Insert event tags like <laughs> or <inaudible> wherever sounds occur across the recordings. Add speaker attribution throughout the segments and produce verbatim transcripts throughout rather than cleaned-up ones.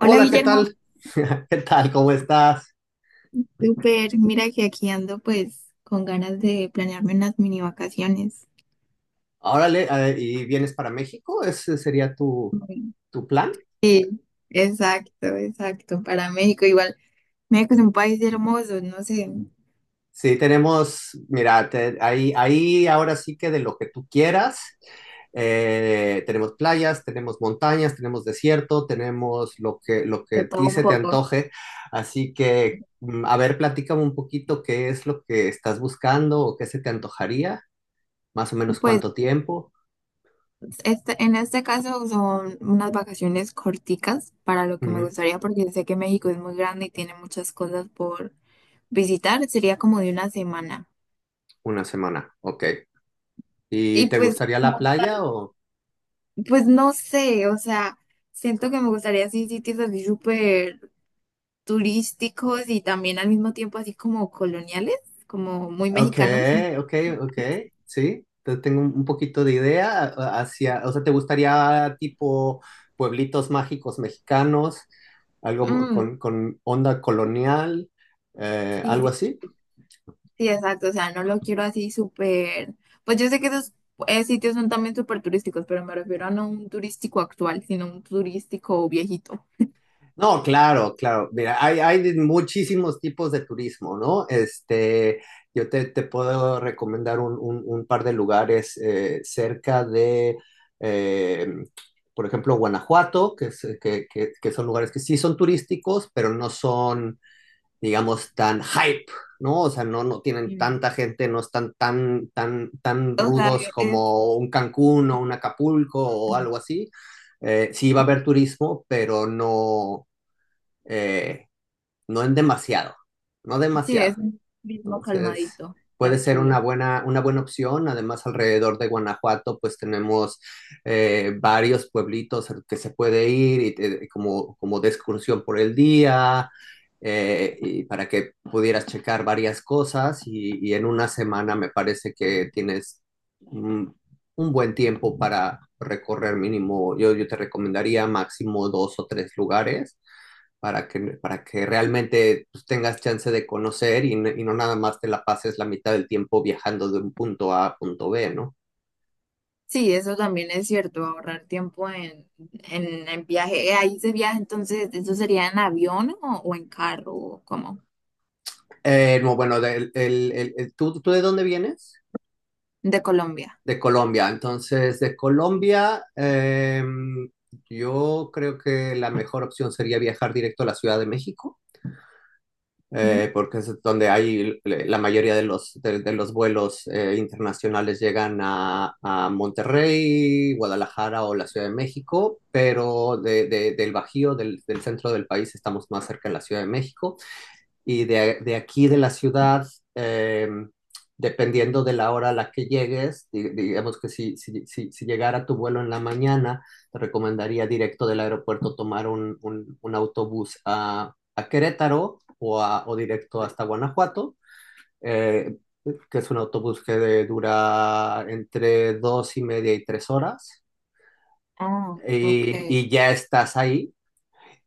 Speaker 1: Hola
Speaker 2: ¿qué
Speaker 1: Guillermo,
Speaker 2: tal? <laughs> ¿Qué tal? ¿Cómo estás?
Speaker 1: súper, mira que aquí ando pues con ganas de planearme unas mini vacaciones.
Speaker 2: Órale, eh, ¿y vienes para México? ¿Ese sería tu,
Speaker 1: Uy.
Speaker 2: tu plan?
Speaker 1: Sí, exacto, exacto, para México igual. México es un país hermoso, no sé,
Speaker 2: Sí, tenemos, mira, te- ahí, ahí ahora sí que de lo que tú quieras. Eh, tenemos playas, tenemos montañas, tenemos desierto, tenemos lo que, lo que
Speaker 1: de
Speaker 2: a
Speaker 1: todo
Speaker 2: ti
Speaker 1: un
Speaker 2: se te
Speaker 1: poco.
Speaker 2: antoje. Así que, mm, a ver, platícame un poquito qué es lo que estás buscando o qué se te antojaría, más o menos
Speaker 1: Pues
Speaker 2: cuánto tiempo.
Speaker 1: este, en este caso son unas vacaciones corticas para lo que me
Speaker 2: Ujú.
Speaker 1: gustaría porque sé que México es muy grande y tiene muchas cosas por visitar, sería como de una semana.
Speaker 2: Una semana, ok. ¿Y
Speaker 1: Y
Speaker 2: te
Speaker 1: pues
Speaker 2: gustaría la
Speaker 1: como
Speaker 2: playa
Speaker 1: tal,
Speaker 2: o...?
Speaker 1: pues no sé, o sea... Siento que me gustaría así sitios así súper turísticos y también al mismo tiempo así como coloniales, como muy
Speaker 2: Ok,
Speaker 1: mexicanos.
Speaker 2: ok, ok, sí, te- tengo un un poquito de idea a- hacia, o sea, ¿te gustaría tipo pueblitos mágicos mexicanos, algo mo-
Speaker 1: Mm,
Speaker 2: con, con onda colonial, eh,
Speaker 1: sí,
Speaker 2: algo
Speaker 1: sí,
Speaker 2: así?
Speaker 1: sí, exacto. O sea, no lo quiero así súper. Pues yo sé que esos eh, sitios son también súper turísticos, pero me refiero a no un turístico actual, sino un turístico viejito.
Speaker 2: No, claro, claro. Mira, hay, hay de muchísimos tipos de turismo, ¿no? Este, yo te, te puedo recomendar un, un- un par de lugares eh, cerca de, eh, por ejemplo, Guanajuato, que, es- que, que- que son lugares que sí son turísticos, pero no son, digamos, tan hype, ¿no? O sea, no, no tienen
Speaker 1: Mm.
Speaker 2: tanta gente, no están tan, tan, tan
Speaker 1: O sea,
Speaker 2: rudos
Speaker 1: es,
Speaker 2: como un Cancún o un Acapulco o algo así. Eh, sí va a haber turismo, pero no eh, no en demasiado, no
Speaker 1: sí, es
Speaker 2: demasiado.
Speaker 1: un turismo
Speaker 2: Entonces,
Speaker 1: calmadito,
Speaker 2: puede ser una
Speaker 1: tranquilo.
Speaker 2: buena, una buena opción. Además, alrededor de Guanajuato, pues tenemos eh, varios pueblitos al que se puede ir y, te- como, como de excursión por el día, eh, y para que pudieras checar varias cosas y, y en una semana me parece que tienes un, un buen tiempo para recorrer mínimo, yo, yo te recomendaría máximo dos o tres lugares para que, para que realmente pues, tengas chance de conocer y, n- y no nada más te la pases la mitad del tiempo viajando de un punto A a punto B, ¿no?
Speaker 1: Sí, eso también es cierto, ahorrar tiempo en, en, en viaje. Eh, Ahí se viaja, entonces, ¿eso sería en avión o, o en carro o cómo?
Speaker 2: Eh, no, bueno, del- el- el- el- ¿tú, tú de dónde vienes?
Speaker 1: De Colombia.
Speaker 2: De Colombia. Entonces, de Colombia, em, yo creo que la mejor opción sería viajar directo a la Ciudad de México,
Speaker 1: Ujú.
Speaker 2: eh, porque es donde hay l- la mayoría de los, de, de los vuelos eh, internacionales llegan a, a Monterrey, Guadalajara o la Ciudad de México, pero de, de- del Bajío, del, del centro del país, estamos más cerca de la Ciudad de México y de, de aquí de la ciudad, eh, dependiendo de la hora a la que llegues, di- digamos que si, si, si, si llegara tu vuelo en la mañana, te recomendaría directo del aeropuerto tomar un, un, un autobús a, a Querétaro o, a- o directo hasta Guanajuato, eh, que es un autobús que de- dura entre dos y media y tres horas,
Speaker 1: Ah, ok.
Speaker 2: y, y ya estás ahí.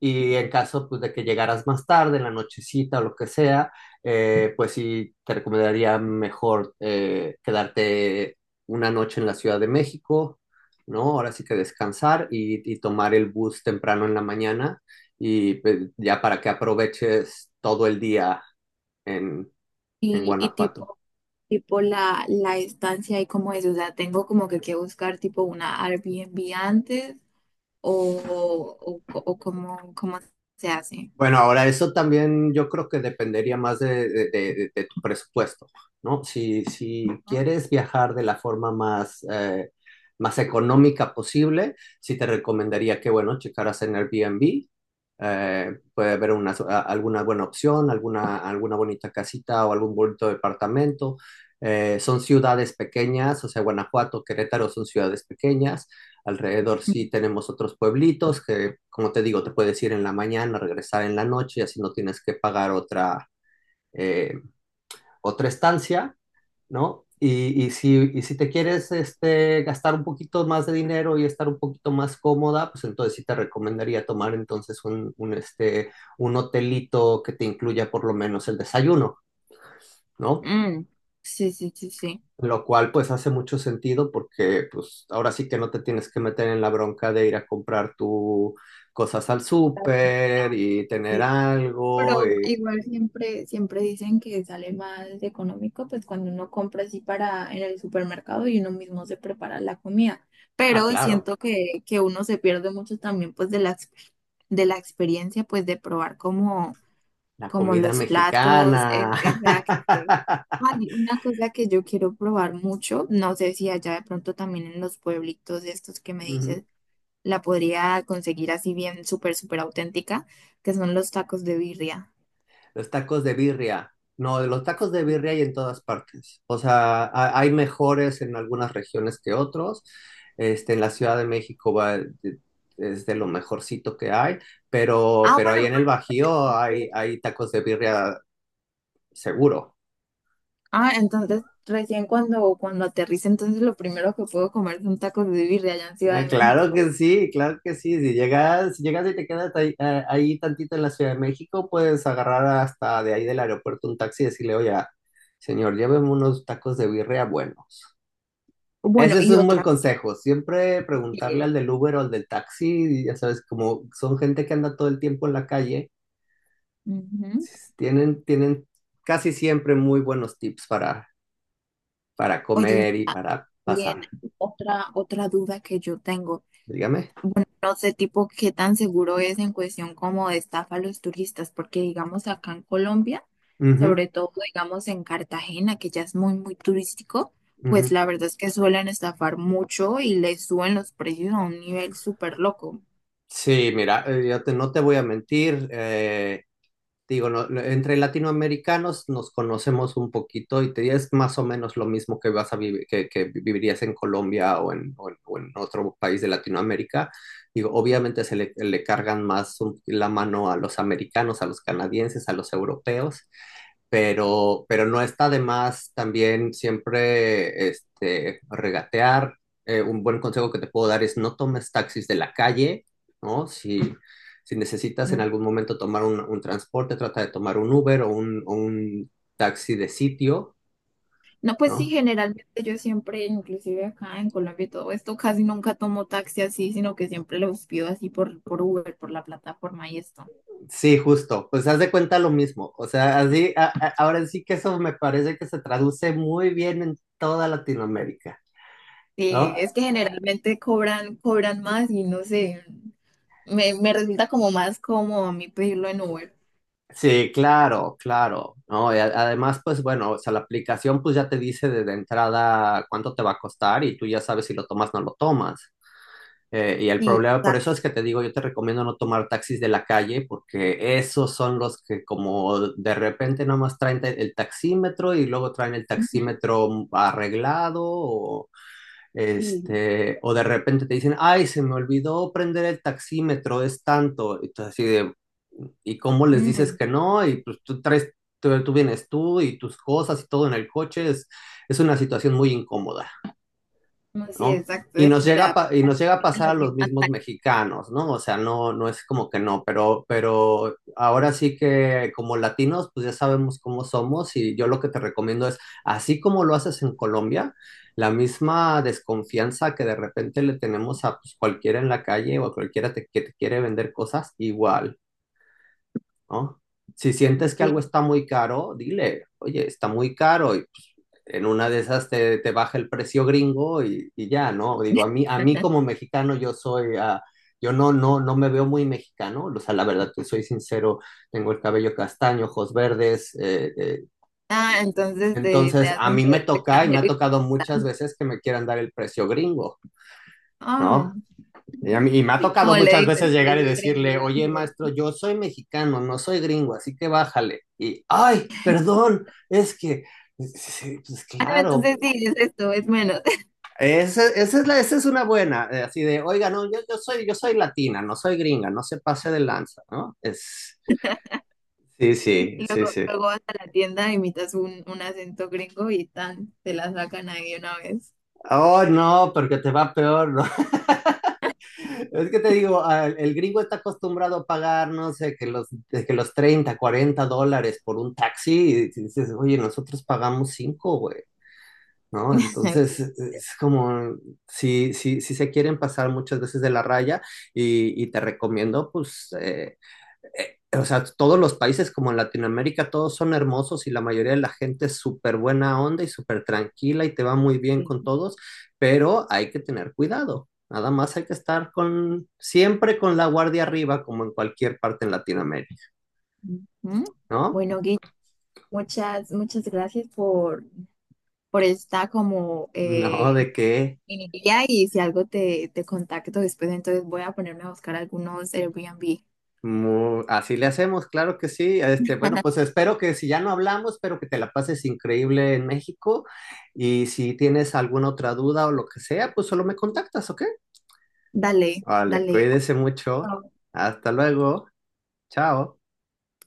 Speaker 2: Y en caso pues, de que llegaras más tarde, en la nochecita o lo que sea, eh, pues sí, te recomendaría mejor eh, quedarte una noche en la Ciudad de México, ¿no? Ahora sí que descansar y, y tomar el bus temprano en la mañana y pues, ya para que aproveches todo el día en, en
Speaker 1: Y, y
Speaker 2: Guanajuato.
Speaker 1: tipo, tipo la, la estancia y como es, o sea, tengo como que que buscar tipo una Airbnb antes o, o, co- o cómo, cómo se hace.
Speaker 2: Bueno, ahora eso también yo creo que dependería más de, de- de- de tu presupuesto, ¿no? Si, si
Speaker 1: Ujú.
Speaker 2: quieres viajar de la forma más, eh, más económica posible, sí te recomendaría que, bueno, checaras en Airbnb, eh, puede haber una, a- alguna buena opción, alguna, alguna bonita casita o algún bonito departamento. Eh, son ciudades pequeñas, o sea, Guanajuato, Querétaro son ciudades pequeñas. Alrededor sí tenemos otros pueblitos que, como te digo, te puedes ir en la mañana, regresar en la noche, y así no tienes que pagar otra, eh, otra estancia, ¿no? Y, y, si, y si te quieres este, gastar un poquito más de dinero y estar un poquito más cómoda, pues entonces sí te recomendaría tomar entonces un, un, este, un hotelito que te incluya por lo menos el desayuno, ¿no?
Speaker 1: Mm, sí, sí, sí,
Speaker 2: Lo cual pues hace mucho sentido porque pues ahora sí que no te tienes que meter en la bronca de ir a comprar tus cosas al súper y tener
Speaker 1: sí. Pero
Speaker 2: algo. y-
Speaker 1: igual siempre, siempre dicen que sale más económico, pues cuando uno compra así para en el supermercado y uno mismo se prepara la comida.
Speaker 2: Ah,
Speaker 1: Pero
Speaker 2: claro,
Speaker 1: siento que, que uno se pierde mucho también pues de la, ex- de la experiencia, pues de probar como,
Speaker 2: la
Speaker 1: como
Speaker 2: comida
Speaker 1: los platos.
Speaker 2: mexicana.
Speaker 1: es- Exacto.
Speaker 2: <laughs>
Speaker 1: Hay una cosa que yo quiero probar mucho, no sé si allá de pronto también en los pueblitos estos que me dices,
Speaker 2: Ujú.
Speaker 1: la podría conseguir así bien súper, súper auténtica, que son los tacos de birria.
Speaker 2: Los tacos de birria. No, los tacos de birria hay en todas partes. O sea, ha- hay mejores en algunas regiones que otros. Este, en la Ciudad de México va, es de lo mejorcito que hay, pero,
Speaker 1: Ah,
Speaker 2: pero ahí
Speaker 1: bueno.
Speaker 2: en el Bajío hay, hay tacos de birria. Seguro.
Speaker 1: Ah, entonces recién cuando, cuando aterrice, entonces lo primero que puedo comer son tacos de birria allá en Ciudad
Speaker 2: Ah,
Speaker 1: de
Speaker 2: claro
Speaker 1: México.
Speaker 2: que sí, claro que sí. Si llegas, si llegas y te quedas ahí, ah, ahí tantito en la Ciudad de México, puedes agarrar hasta de ahí del aeropuerto un taxi y decirle, oye, señor, lléveme unos tacos de birria buenos.
Speaker 1: Bueno,
Speaker 2: Ese es
Speaker 1: y
Speaker 2: un buen
Speaker 1: otra.
Speaker 2: consejo. Siempre
Speaker 1: eh,
Speaker 2: preguntarle al del Uber o al del taxi, ya sabes, como son gente que anda todo el tiempo en la calle,
Speaker 1: Ujú.
Speaker 2: s- tienen, tienen casi siempre muy buenos tips para, para,
Speaker 1: Oye,
Speaker 2: comer y para
Speaker 1: bien,
Speaker 2: pasar.
Speaker 1: otra, otra duda que yo tengo.
Speaker 2: Dígame.
Speaker 1: No sé, tipo, qué tan seguro es en cuestión como de estafa a los turistas, porque digamos acá en Colombia,
Speaker 2: Ujú,
Speaker 1: sobre todo digamos en Cartagena, que ya es muy, muy turístico, pues
Speaker 2: ujú.
Speaker 1: la verdad es que suelen estafar mucho y les suben los precios a un nivel súper loco.
Speaker 2: Sí, mira, eh, yo te- no te voy a mentir, eh, digo, no- no- entre latinoamericanos nos conocemos un poquito y te es más o menos lo mismo que vas a vivi- que, que vivirías en Colombia o en, o en- o en otro país de Latinoamérica. Digo, obviamente se le, le cargan más un- la mano a los americanos, a los canadienses, a los europeos, pero, pero no está de más también siempre este, regatear. Eh, un buen consejo que te puedo dar es no tomes taxis de la calle, ¿no? Si, si necesitas en algún momento tomar un, un transporte, trata de tomar un Uber o un, o un taxi de sitio,
Speaker 1: No, pues sí,
Speaker 2: ¿no?
Speaker 1: generalmente yo siempre, inclusive acá en Colombia y todo esto, casi nunca tomo taxi así, sino que siempre los pido así por, por Uber, por la plataforma y esto.
Speaker 2: Sí, justo, pues haz de cuenta lo mismo, o sea, así, a- a- ahora sí que eso me parece que se traduce muy bien en toda Latinoamérica,
Speaker 1: Sí,
Speaker 2: ¿no?
Speaker 1: es que generalmente cobran, cobran más y no sé, me, me resulta como más cómodo a mí pedirlo en Uber.
Speaker 2: Sí, claro, claro, ¿no? Y a- además, pues bueno, o sea, la aplicación pues ya te dice desde entrada cuánto te va a costar y tú ya sabes si lo tomas o no lo tomas. Eh, y el
Speaker 1: Sí,
Speaker 2: problema, por
Speaker 1: exacto.
Speaker 2: eso es que te digo, yo te recomiendo no tomar taxis de la calle porque esos son los que como de repente nomás traen te- el taxímetro y luego traen el
Speaker 1: Ujú.
Speaker 2: taxímetro arreglado,
Speaker 1: Sí.
Speaker 2: este, o de repente te dicen, ay, se me olvidó prender el taxímetro, es tanto. Y tú así de, ¿y cómo les dices
Speaker 1: Mm,
Speaker 2: que no? Y pues tú traes, tú, tú vienes tú y tus cosas y todo en el coche, es, es una situación muy incómoda,
Speaker 1: no, sí,
Speaker 2: ¿no?
Speaker 1: exacto.
Speaker 2: Y nos llega a,
Speaker 1: Mira,
Speaker 2: pa- y nos llega a pasar a
Speaker 1: las
Speaker 2: los
Speaker 1: mismas
Speaker 2: mismos
Speaker 1: taxis.
Speaker 2: mexicanos, ¿no? O sea, no, no es como que no, pero, pero ahora sí que como latinos, pues ya sabemos cómo somos y yo lo que te recomiendo es, así como lo haces en Colombia, la misma desconfianza que de repente le tenemos a pues, cualquiera en la calle o a cualquiera te- que te quiere vender cosas, igual, ¿no? Si sientes que algo
Speaker 1: Sí.
Speaker 2: está muy caro, dile, oye, está muy caro y pues, en una de esas te, te baja el precio gringo y, y ya, ¿no? Digo, a mí, a mí como
Speaker 1: <laughs>
Speaker 2: mexicano yo soy, ah, yo no, no, no me veo muy mexicano, o sea, la verdad, te soy sincero, tengo el cabello castaño, ojos verdes, eh, eh,
Speaker 1: Ah, entonces te, te
Speaker 2: entonces a
Speaker 1: hacen
Speaker 2: mí
Speaker 1: de
Speaker 2: me
Speaker 1: de
Speaker 2: toca y me
Speaker 1: extranjero.
Speaker 2: ha
Speaker 1: y-
Speaker 2: tocado muchas veces que me quieran dar el precio gringo,
Speaker 1: Ah,
Speaker 2: ¿no? Y, a mí- y me ha tocado
Speaker 1: como le
Speaker 2: muchas
Speaker 1: dices,
Speaker 2: veces llegar y
Speaker 1: precio gringo.
Speaker 2: decirle, oye, maestro, yo soy mexicano, no soy gringo, así que bájale. Y, ay, perdón, es que, sí, sí, pues
Speaker 1: Ah, no,
Speaker 2: claro,
Speaker 1: entonces sí, es esto, es menos.
Speaker 2: esa, esa es la, esa es una buena, eh, así de, oiga, no, yo, yo soy, yo soy latina, no soy gringa, no se pase de lanza, ¿no? Es, sí,
Speaker 1: <laughs>
Speaker 2: sí,
Speaker 1: Luego,
Speaker 2: sí, sí.
Speaker 1: luego vas a la tienda, imitas un, un acento gringo y tan, te la sacan ahí de una vez.
Speaker 2: Oh, no, porque te va peor, ¿no? Es que te digo, al- el gringo está acostumbrado a pagar, no sé, que los, de que los treinta cuarenta dólares por un taxi, y si dices, oye, nosotros pagamos cinco güey, ¿no?
Speaker 1: <laughs> Ok,
Speaker 2: Entonces, e, es como, si, si, si se quieren pasar muchas veces de la raya, y, y te recomiendo, pues, eh, eh, o sea, todos los países como en Latinoamérica, todos son hermosos y la mayoría de la gente es súper buena onda y súper tranquila y te va muy bien con
Speaker 1: sí.
Speaker 2: todos, pero hay que tener cuidado. Nada más hay que estar con, siempre con la guardia arriba, como en cualquier parte en Latinoamérica,
Speaker 1: Ujú.
Speaker 2: ¿no?
Speaker 1: Bueno, Gui, muchas, muchas gracias por, por esta como
Speaker 2: No,
Speaker 1: eh,
Speaker 2: de que
Speaker 1: mini guía, y si algo te, te contacto después, entonces voy a ponerme a buscar algunos Airbnb.
Speaker 2: mu- así le hacemos, claro que sí. Este, bueno, pues espero que si ya no hablamos, espero que te la pases increíble en México. Y si tienes alguna otra duda o lo que sea, pues solo me contactas, ¿ok?
Speaker 1: Dale,
Speaker 2: Vale,
Speaker 1: dale.
Speaker 2: cuídese mucho.
Speaker 1: Bueno.
Speaker 2: Hasta luego. Chao.